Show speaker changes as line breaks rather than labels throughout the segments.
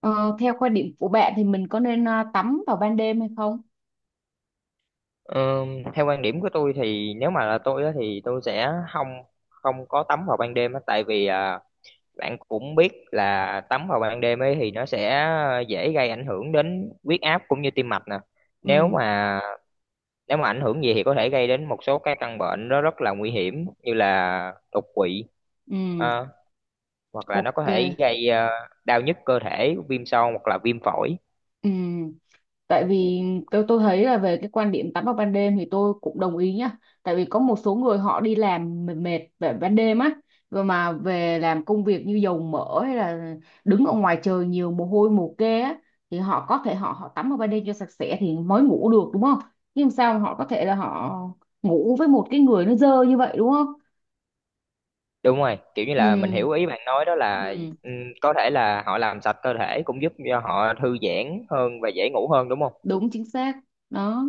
Ờ, Theo quan điểm của bạn thì mình có nên tắm vào ban đêm hay không?
Ờ, Theo quan điểm của tôi thì nếu mà là tôi á, thì tôi sẽ không không có tắm vào ban đêm á, tại vì bạn cũng biết là tắm vào ban đêm ấy thì nó sẽ dễ gây ảnh hưởng đến huyết áp cũng như tim mạch nè. Nếu
Ừ,
mà nếu mà ảnh hưởng gì thì có thể gây đến một số cái căn bệnh nó rất là nguy hiểm như là đột quỵ,
ừ,
ờ, hoặc là nó có
ok.
thể gây đau nhức cơ thể, viêm xoang hoặc là viêm phổi.
Ừ, tại vì tôi thấy là về cái quan điểm tắm vào ban đêm thì tôi cũng đồng ý nhá. Tại vì có một số người họ đi làm mệt mệt về ban đêm á, rồi mà về làm công việc như dầu mỡ hay là đứng ở ngoài trời nhiều mồ hôi mồ kê á, thì họ có thể họ họ tắm vào ban đêm cho sạch sẽ thì mới ngủ được đúng không? Nhưng làm sao mà họ có thể là họ ngủ với một cái người nó dơ như vậy đúng không?
Đúng rồi, kiểu như là mình
Ừ.
hiểu ý bạn nói đó là
Ừ.
ừm, có thể là họ làm sạch cơ thể cũng giúp cho họ thư giãn hơn và dễ ngủ hơn đúng không?
Đúng chính xác đó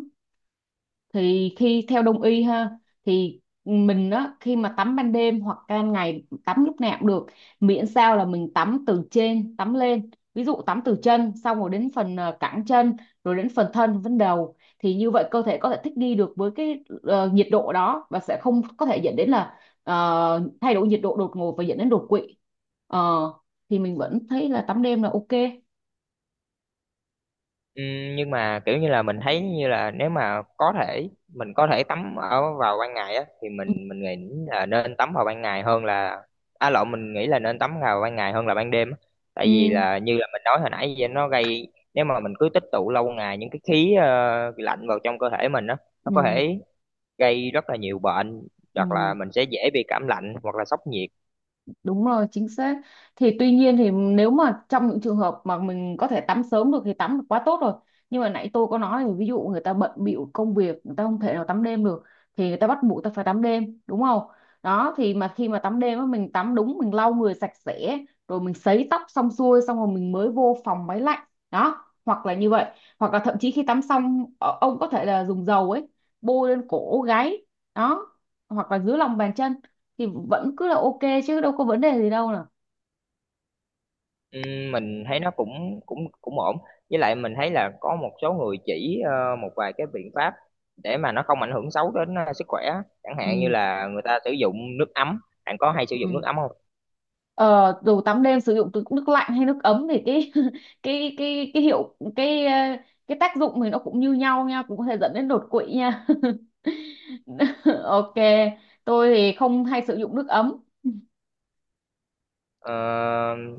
thì khi theo đông y ha, thì mình á khi mà tắm ban đêm hoặc ban ngày tắm lúc nào cũng được, miễn sao là mình tắm từ trên tắm lên, ví dụ tắm từ chân xong rồi đến phần cẳng chân, rồi đến phần thân phần đầu, thì như vậy cơ thể có thể thích nghi được với cái nhiệt độ đó và sẽ không có thể dẫn đến là thay đổi nhiệt độ đột ngột và dẫn đến đột quỵ. Ờ, thì mình vẫn thấy là tắm đêm là ok.
Nhưng mà kiểu như là mình thấy như là nếu mà có thể mình có thể tắm ở vào ban ngày á thì mình nghĩ là nên tắm vào ban ngày hơn là, à lộn, mình nghĩ là nên tắm vào ban ngày hơn là ban đêm á. Tại vì
Ừ,
là như là mình nói hồi nãy vậy nó gây, nếu mà mình cứ tích tụ lâu ngày những cái khí lạnh vào trong cơ thể mình á,
ừ,
nó có
ừ,
thể gây rất là nhiều bệnh hoặc là
ừ.
mình sẽ dễ bị cảm lạnh hoặc là sốc nhiệt.
Đúng rồi, chính xác. Thì tuy nhiên thì nếu mà trong những trường hợp mà mình có thể tắm sớm được thì tắm là quá tốt rồi. Nhưng mà nãy tôi có nói là ví dụ người ta bận bịu công việc, người ta không thể nào tắm đêm được, thì người ta bắt buộc ta phải tắm đêm, đúng không? Đó thì mà khi mà tắm đêm á mình tắm đúng, mình lau người sạch sẽ, rồi mình sấy tóc xong xuôi xong rồi mình mới vô phòng máy lạnh. Đó, hoặc là như vậy, hoặc là thậm chí khi tắm xong ông có thể là dùng dầu ấy bôi lên cổ gáy đó, hoặc là dưới lòng bàn chân thì vẫn cứ là ok, chứ đâu có vấn đề gì đâu nào.
Mình thấy nó cũng cũng cũng ổn, với lại mình thấy là có một số người chỉ một vài cái biện pháp để mà nó không ảnh hưởng xấu đến sức khỏe, chẳng hạn như
Ừ,
là người ta sử dụng nước ấm. Bạn có hay sử dụng nước
ừ,
ấm không?
ờ, dù tắm đêm sử dụng từ nước lạnh hay nước ấm thì cái cái hiệu cái cái tác dụng thì nó cũng như nhau nha, cũng có thể dẫn đến đột quỵ nha. Ok, tôi thì không hay sử dụng nước ấm.
Ờ,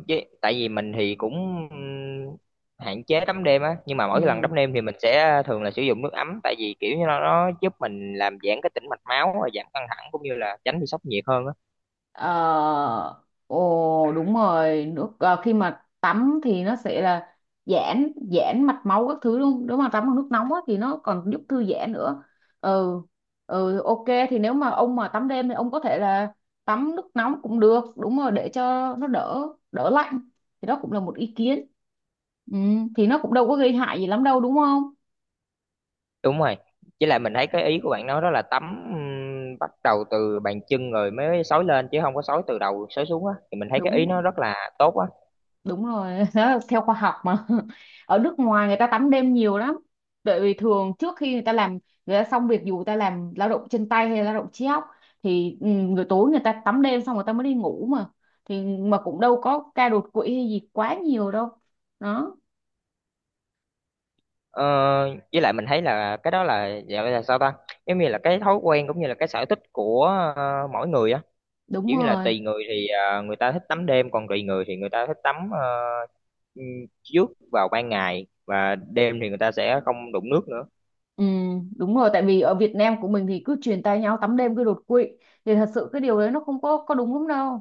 với tại vì mình thì cũng hạn chế tắm đêm á, nhưng mà mỗi lần
Ừ.
tắm đêm thì mình sẽ thường là sử dụng nước ấm, tại vì kiểu như nó giúp mình làm giãn cái tĩnh mạch máu và giảm căng thẳng cũng như là tránh bị sốc nhiệt hơn á.
Ờ, Ồ đúng rồi nước khi mà tắm thì nó sẽ là giãn giãn mạch máu các thứ luôn, nếu mà tắm bằng nước nóng á, thì nó còn giúp thư giãn nữa. Ừ, ừ, ok. Thì nếu mà ông mà tắm đêm thì ông có thể là tắm nước nóng cũng được, đúng rồi, để cho nó đỡ đỡ lạnh, thì đó cũng là một ý kiến. Ừ, thì nó cũng đâu có gây hại gì lắm đâu đúng không.
Đúng rồi, với lại mình thấy cái ý của bạn nói đó là tắm bắt đầu từ bàn chân rồi mới xối lên chứ không có xối từ đầu xối xuống á, thì mình thấy cái ý
Đúng,
nó rất là tốt á.
đúng rồi. Đó là theo khoa học mà. Ở nước ngoài người ta tắm đêm nhiều lắm, bởi vì thường trước khi người ta làm, người ta xong việc dù người ta làm lao động chân tay hay là lao động trí óc, thì người tối người ta tắm đêm xong người ta mới đi ngủ mà, thì mà cũng đâu có ca đột quỵ hay gì quá nhiều đâu đó.
ờ, với lại mình thấy là cái đó là gọi là sao ta, giống như là cái thói quen cũng như là cái sở thích của mỗi người á,
Đúng
kiểu như là
rồi.
tùy người thì người ta thích tắm đêm, còn tùy người thì người ta thích tắm ừm, trước vào ban ngày, và đêm thì người ta sẽ không đụng nước nữa.
ừ, Đúng rồi, tại vì ở Việt Nam của mình thì cứ truyền tay nhau tắm đêm cứ đột quỵ, thì thật sự cái điều đấy nó không có có đúng lắm đâu.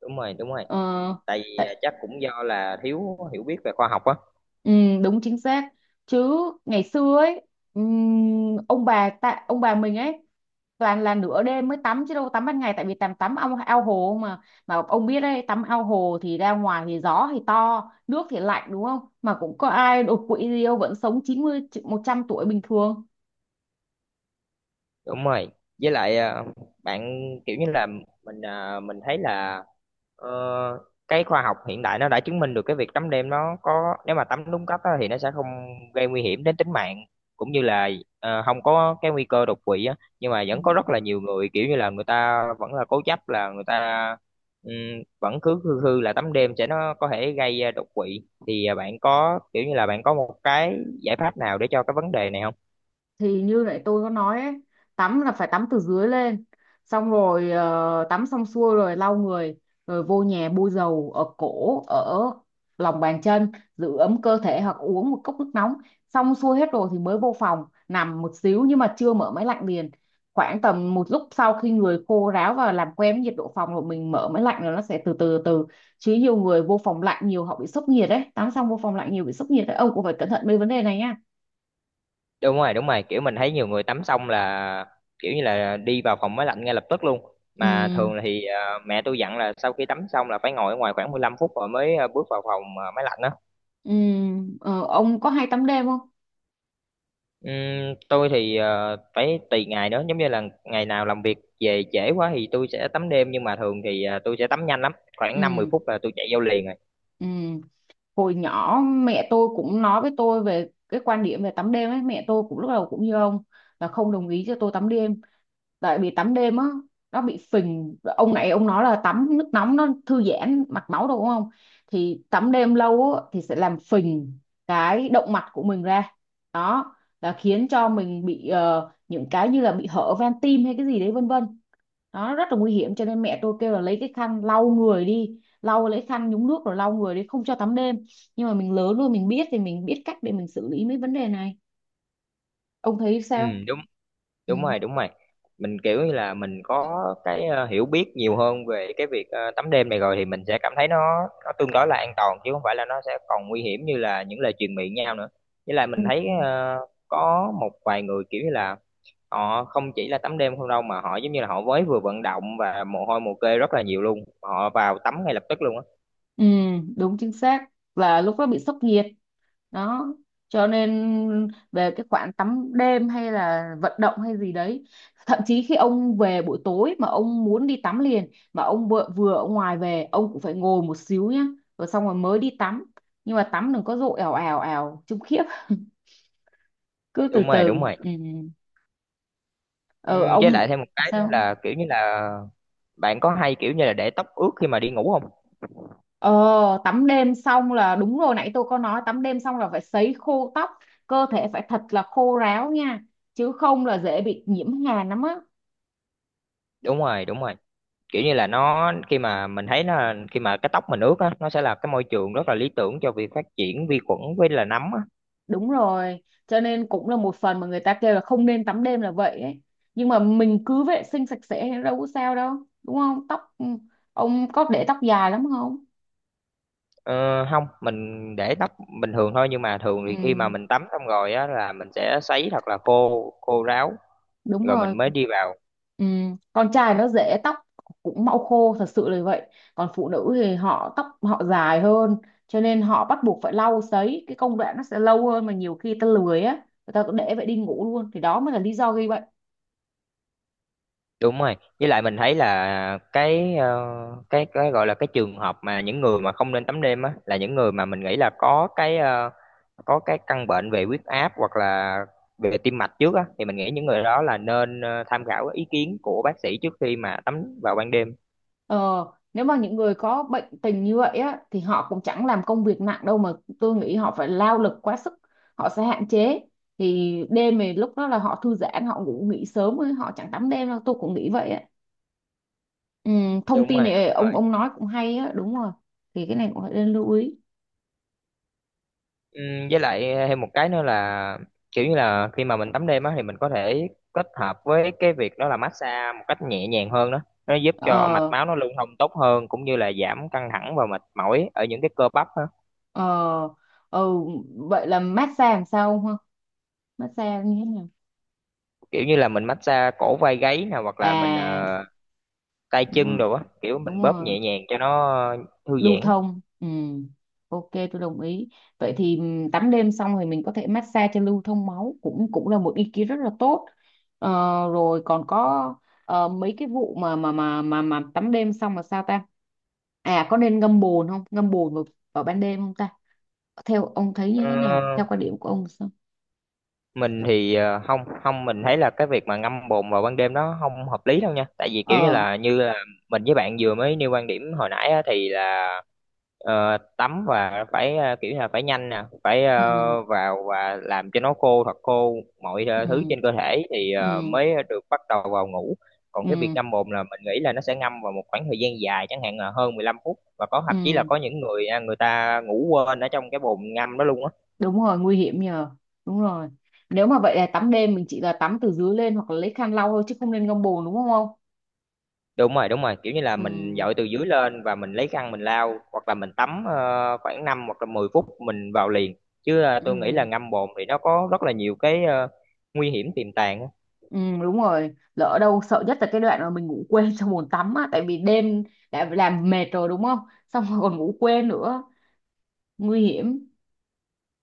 Đúng rồi, đúng rồi,
ờ,
tại vì
Tại.
chắc cũng do là thiếu hiểu biết về khoa học á.
Ừ, đúng chính xác, chứ ngày xưa ấy, ông bà ta, ông bà mình ấy toàn là nửa đêm mới tắm chứ đâu tắm ban ngày, tại vì tắm tắm ao, ao hồ mà ông biết đấy tắm ao hồ thì ra ngoài thì gió thì to nước thì lạnh đúng không, mà cũng có ai đột quỵ gì đâu, vẫn sống chín mươi một trăm tuổi bình thường.
Đúng rồi. Với lại bạn, kiểu như là mình thấy là ờ, cái khoa học hiện đại nó đã chứng minh được cái việc tắm đêm nó có, nếu mà tắm đúng cách á, thì nó sẽ không gây nguy hiểm đến tính mạng cũng như là không có cái nguy cơ đột quỵ á. Nhưng mà
Ừ.
vẫn có rất là nhiều người, kiểu như là người ta vẫn là cố chấp, là người ta ừm, vẫn cứ khư khư là tắm đêm sẽ nó có thể gây đột quỵ, thì bạn có, kiểu như là bạn có một cái giải pháp nào để cho cái vấn đề này không?
Thì như lại tôi có nói ấy, tắm là phải tắm từ dưới lên, xong rồi tắm xong xuôi rồi lau người, rồi vô nhà bôi dầu ở cổ ở lòng bàn chân, giữ ấm cơ thể hoặc uống một cốc nước nóng, xong xuôi hết rồi thì mới vô phòng nằm một xíu, nhưng mà chưa mở máy lạnh liền, khoảng tầm một lúc sau khi người khô ráo và làm quen với nhiệt độ phòng rồi mình mở máy lạnh, rồi nó sẽ từ từ từ, chứ nhiều người vô phòng lạnh nhiều họ bị sốc nhiệt đấy, tắm xong vô phòng lạnh nhiều bị sốc nhiệt đấy, ông cũng phải cẩn thận mấy vấn đề này nha.
Đúng rồi, đúng rồi, kiểu mình thấy nhiều người tắm xong là kiểu như là đi vào phòng máy lạnh ngay lập tức luôn,
Ừ,
mà thường thì mẹ tôi dặn là sau khi tắm xong là phải ngồi ở ngoài khoảng 15 phút rồi mới bước vào phòng máy lạnh đó.
ừ, ông có hay tắm đêm không?
Tôi thì phải tùy ngày nữa, giống như là ngày nào làm việc về trễ quá thì tôi sẽ tắm đêm, nhưng mà thường thì tôi sẽ tắm nhanh lắm, khoảng 5 10
Ừ,
phút là tôi chạy vô liền rồi.
ừ. Hồi nhỏ mẹ tôi cũng nói với tôi về cái quan điểm về tắm đêm ấy, mẹ tôi cũng lúc đầu cũng như ông, là không đồng ý cho tôi tắm đêm. Tại vì tắm đêm á nó bị phình, ông này ông nói là tắm nước nóng nó thư giãn mạch máu đâu đúng không, thì tắm đêm lâu á, thì sẽ làm phình cái động mạch của mình ra đó, là khiến cho mình bị những cái như là bị hở van tim hay cái gì đấy vân vân, đó rất là nguy hiểm, cho nên mẹ tôi kêu là lấy cái khăn lau người đi, lau lấy khăn nhúng nước rồi lau người đi, không cho tắm đêm. Nhưng mà mình lớn rồi mình biết thì mình biết cách để mình xử lý mấy vấn đề này, ông thấy
Ừ,
sao.
đúng
Ừ.
rồi, đúng rồi, mình kiểu như là mình có cái hiểu biết nhiều hơn về cái việc tắm đêm này rồi thì mình sẽ cảm thấy nó tương đối là an toàn, chứ không phải là nó sẽ còn nguy hiểm như là những lời truyền miệng nhau nữa. Với lại
Ừ.
mình thấy có một vài người kiểu như là họ không chỉ là tắm đêm không đâu, mà họ giống như là họ mới vừa vận động và mồ hôi mồ kê rất là nhiều luôn, họ vào tắm ngay lập tức luôn á.
Ừ, đúng chính xác là lúc đó bị sốc nhiệt đó, cho nên về cái khoản tắm đêm hay là vận động hay gì đấy, thậm chí khi ông về buổi tối mà ông muốn đi tắm liền mà ông vừa ở ngoài về, ông cũng phải ngồi một xíu nhá, rồi xong rồi mới đi tắm, nhưng mà tắm đừng có dội ào ào ào chung khiếp, cứ từ
Đúng rồi,
từ.
đúng rồi.
Ừ. Ừ. ờ,
Với
ông
lại thêm một cái nữa
sao.
là kiểu như là bạn có hay, kiểu như là, để tóc ướt khi mà đi ngủ không?
Ờ, Tắm đêm xong là đúng rồi, nãy tôi có nói tắm đêm xong là phải sấy khô tóc, cơ thể phải thật là khô ráo nha, chứ không là dễ bị nhiễm hàn lắm á.
Đúng rồi, đúng rồi, kiểu như là nó, khi mà mình thấy nó, khi mà cái tóc mình ướt á, nó sẽ là cái môi trường rất là lý tưởng cho việc phát triển vi khuẩn với là nấm á.
Đúng rồi, cho nên cũng là một phần mà người ta kêu là không nên tắm đêm là vậy ấy, nhưng mà mình cứ vệ sinh sạch sẽ thì đâu có sao đâu, đúng không tóc, ông có để tóc dài lắm không.
Ờ, Không, mình để tóc bình thường thôi, nhưng mà thường thì khi mà
Ừ,
mình tắm xong rồi á là mình sẽ sấy thật là khô, khô ráo
đúng
rồi mình
rồi.
mới đi vào.
Ừ, con trai nó dễ tóc cũng mau khô thật sự là vậy, còn phụ nữ thì họ tóc họ dài hơn, cho nên họ bắt buộc phải lau sấy, cái công đoạn nó sẽ lâu hơn, mà nhiều khi ta lười á, người ta cứ để vậy đi ngủ luôn, thì đó mới là lý do gây bệnh.
Đúng rồi, với lại mình thấy là cái gọi là cái trường hợp mà những người mà không nên tắm đêm á là những người mà mình nghĩ là có cái căn bệnh về huyết áp hoặc là về tim mạch trước á, thì mình nghĩ những người đó là nên tham khảo ý kiến của bác sĩ trước khi mà tắm vào ban đêm.
ờ Nếu mà những người có bệnh tình như vậy á thì họ cũng chẳng làm công việc nặng đâu mà, tôi nghĩ họ phải lao lực quá sức, họ sẽ hạn chế, thì đêm thì lúc đó là họ thư giãn họ ngủ nghỉ sớm ấy, họ chẳng tắm đêm đâu, tôi cũng nghĩ vậy á. Ừ, thông
Đúng
tin
rồi, đúng
này ông
rồi.
ông nói cũng hay á, đúng rồi, thì cái này cũng phải nên lưu ý.
Ừ, với lại thêm một cái nữa là kiểu như là khi mà mình tắm đêm á thì mình có thể kết hợp với cái việc đó là massage một cách nhẹ nhàng hơn đó, nó giúp cho mạch
ờ
máu nó lưu thông tốt hơn cũng như là giảm căng thẳng và mệt mỏi ở những cái cơ bắp á.
ờ ờ Vậy là massage làm sao không ha, massage như thế nào.
Kiểu như là mình massage cổ vai gáy nè, hoặc là mình
À
tay
đúng
chân
rồi,
đồ á, kiểu
đúng
mình bóp
rồi,
nhẹ nhàng cho nó thư
lưu
giãn.
thông ừ, ok tôi đồng ý. Vậy thì tắm đêm xong thì mình có thể massage cho lưu thông máu, cũng cũng là một ý kiến rất là tốt. ờ, Rồi còn có mấy cái vụ mà tắm đêm xong là sao ta, à có nên ngâm bồn không, ngâm bồn vào ban đêm không ta, theo ông thấy như thế nào,
Ờ,
theo quan điểm của ông sao.
mình thì không, không, mình thấy là cái việc mà ngâm bồn vào ban đêm nó không hợp lý đâu nha, tại vì kiểu như
Ờ,
là như là mình với bạn vừa mới nêu quan điểm hồi nãy á, thì là tắm và phải, kiểu như là phải nhanh nè, phải
ừ,
vào và làm cho nó khô thật khô mọi thứ
ừ,
trên cơ thể thì
ừ,
mới được bắt đầu vào ngủ. Còn cái việc
ừ,
ngâm bồn là mình nghĩ là nó sẽ ngâm vào một khoảng thời gian dài, chẳng hạn là hơn 15 phút, và có
ừ,
thậm chí là có những người ta ngủ quên ở trong cái bồn ngâm đó luôn á.
đúng rồi nguy hiểm nhờ, đúng rồi. Nếu mà vậy là tắm đêm mình chỉ là tắm từ dưới lên hoặc là lấy khăn lau thôi, chứ không nên ngâm bồn đúng không ông.
Đúng rồi, đúng rồi, kiểu như là
Ừ,
mình dội từ dưới lên và mình lấy khăn mình lau, hoặc là mình tắm khoảng 5 hoặc là 10 phút mình vào liền, chứ tôi nghĩ là
ừ,
ngâm bồn thì nó có rất là nhiều cái nguy hiểm tiềm tàng á.
ừ, đúng rồi, lỡ đâu sợ nhất là cái đoạn mà mình ngủ quên trong bồn tắm á, tại vì đêm đã làm mệt rồi đúng không, xong rồi còn ngủ quên nữa, nguy hiểm.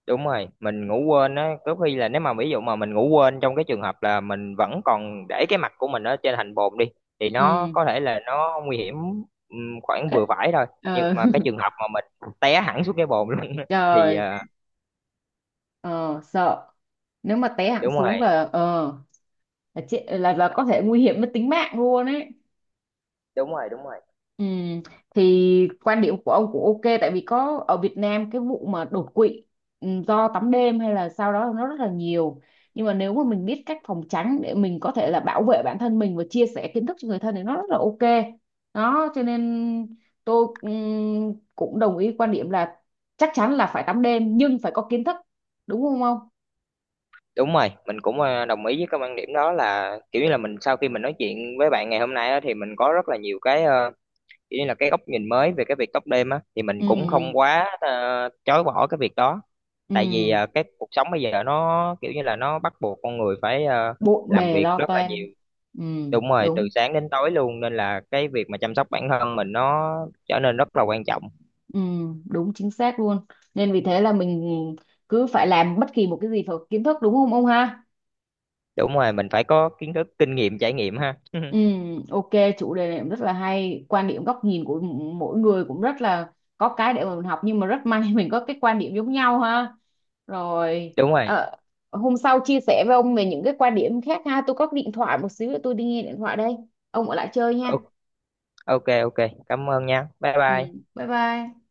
Đúng rồi, mình ngủ quên á, có khi là nếu mà ví dụ mà mình ngủ quên trong cái trường hợp là mình vẫn còn để cái mặt của mình ở trên hành bồn đi, thì nó
Ừ,
có thể là nó nguy hiểm. Khoảng
ít,
vừa phải thôi, nhưng
ờ.
mà cái trường hợp mà mình té hẳn xuống cái bồn luôn á, thì
Trời, ờ sợ, nếu mà té hẳn
đúng
xuống
rồi,
là ờ, là, chết, là có thể nguy hiểm đến tính mạng luôn ấy.
đúng rồi, đúng rồi.
Ừ. Thì quan điểm của ông cũng ok, tại vì có ở Việt Nam cái vụ mà đột quỵ, do tắm đêm hay là sau đó nó rất là nhiều, nhưng mà nếu mà mình biết cách phòng tránh để mình có thể là bảo vệ bản thân mình và chia sẻ kiến thức cho người thân thì nó rất là ok, đó cho nên tôi cũng đồng ý quan điểm là chắc chắn là phải tắm đêm nhưng phải có kiến thức, đúng không ông.
Đúng rồi, mình cũng đồng ý với cái quan điểm đó, là kiểu như là mình sau khi mình nói chuyện với bạn ngày hôm nay á, thì mình có rất là nhiều cái kiểu như là cái góc nhìn mới về cái việc tóc đêm á, thì mình cũng không
Ừ,
quá chối bỏ cái việc đó.
ừ,
Tại vì cái cuộc sống bây giờ nó kiểu như là nó bắt buộc con người phải
bộn
làm
bề
việc
lo
rất là
toan,
nhiều.
ừ,
Đúng rồi, từ
đúng,
sáng đến tối luôn, nên là cái việc mà chăm sóc bản thân mình nó trở nên rất là quan trọng.
ừ, đúng chính xác luôn, nên vì thế là mình cứ phải làm bất kỳ một cái gì phải có kiến thức, đúng không ông ha.
Đúng rồi, mình phải có kiến thức, kinh nghiệm, trải nghiệm ha.
Ừ, ok, chủ đề này cũng rất là hay, quan điểm góc nhìn của mỗi người cũng rất là có cái để mà mình học, nhưng mà rất may mình có cái quan điểm giống nhau ha, rồi.
Đúng rồi.
ờ, Hôm sau chia sẻ với ông về những cái quan điểm khác ha, tôi có cái điện thoại một xíu nữa, tôi đi nghe điện thoại đây, ông ở lại chơi nha.
O- Ok ok, cảm ơn nha. Bye
Ừ,
bye.
bye bye.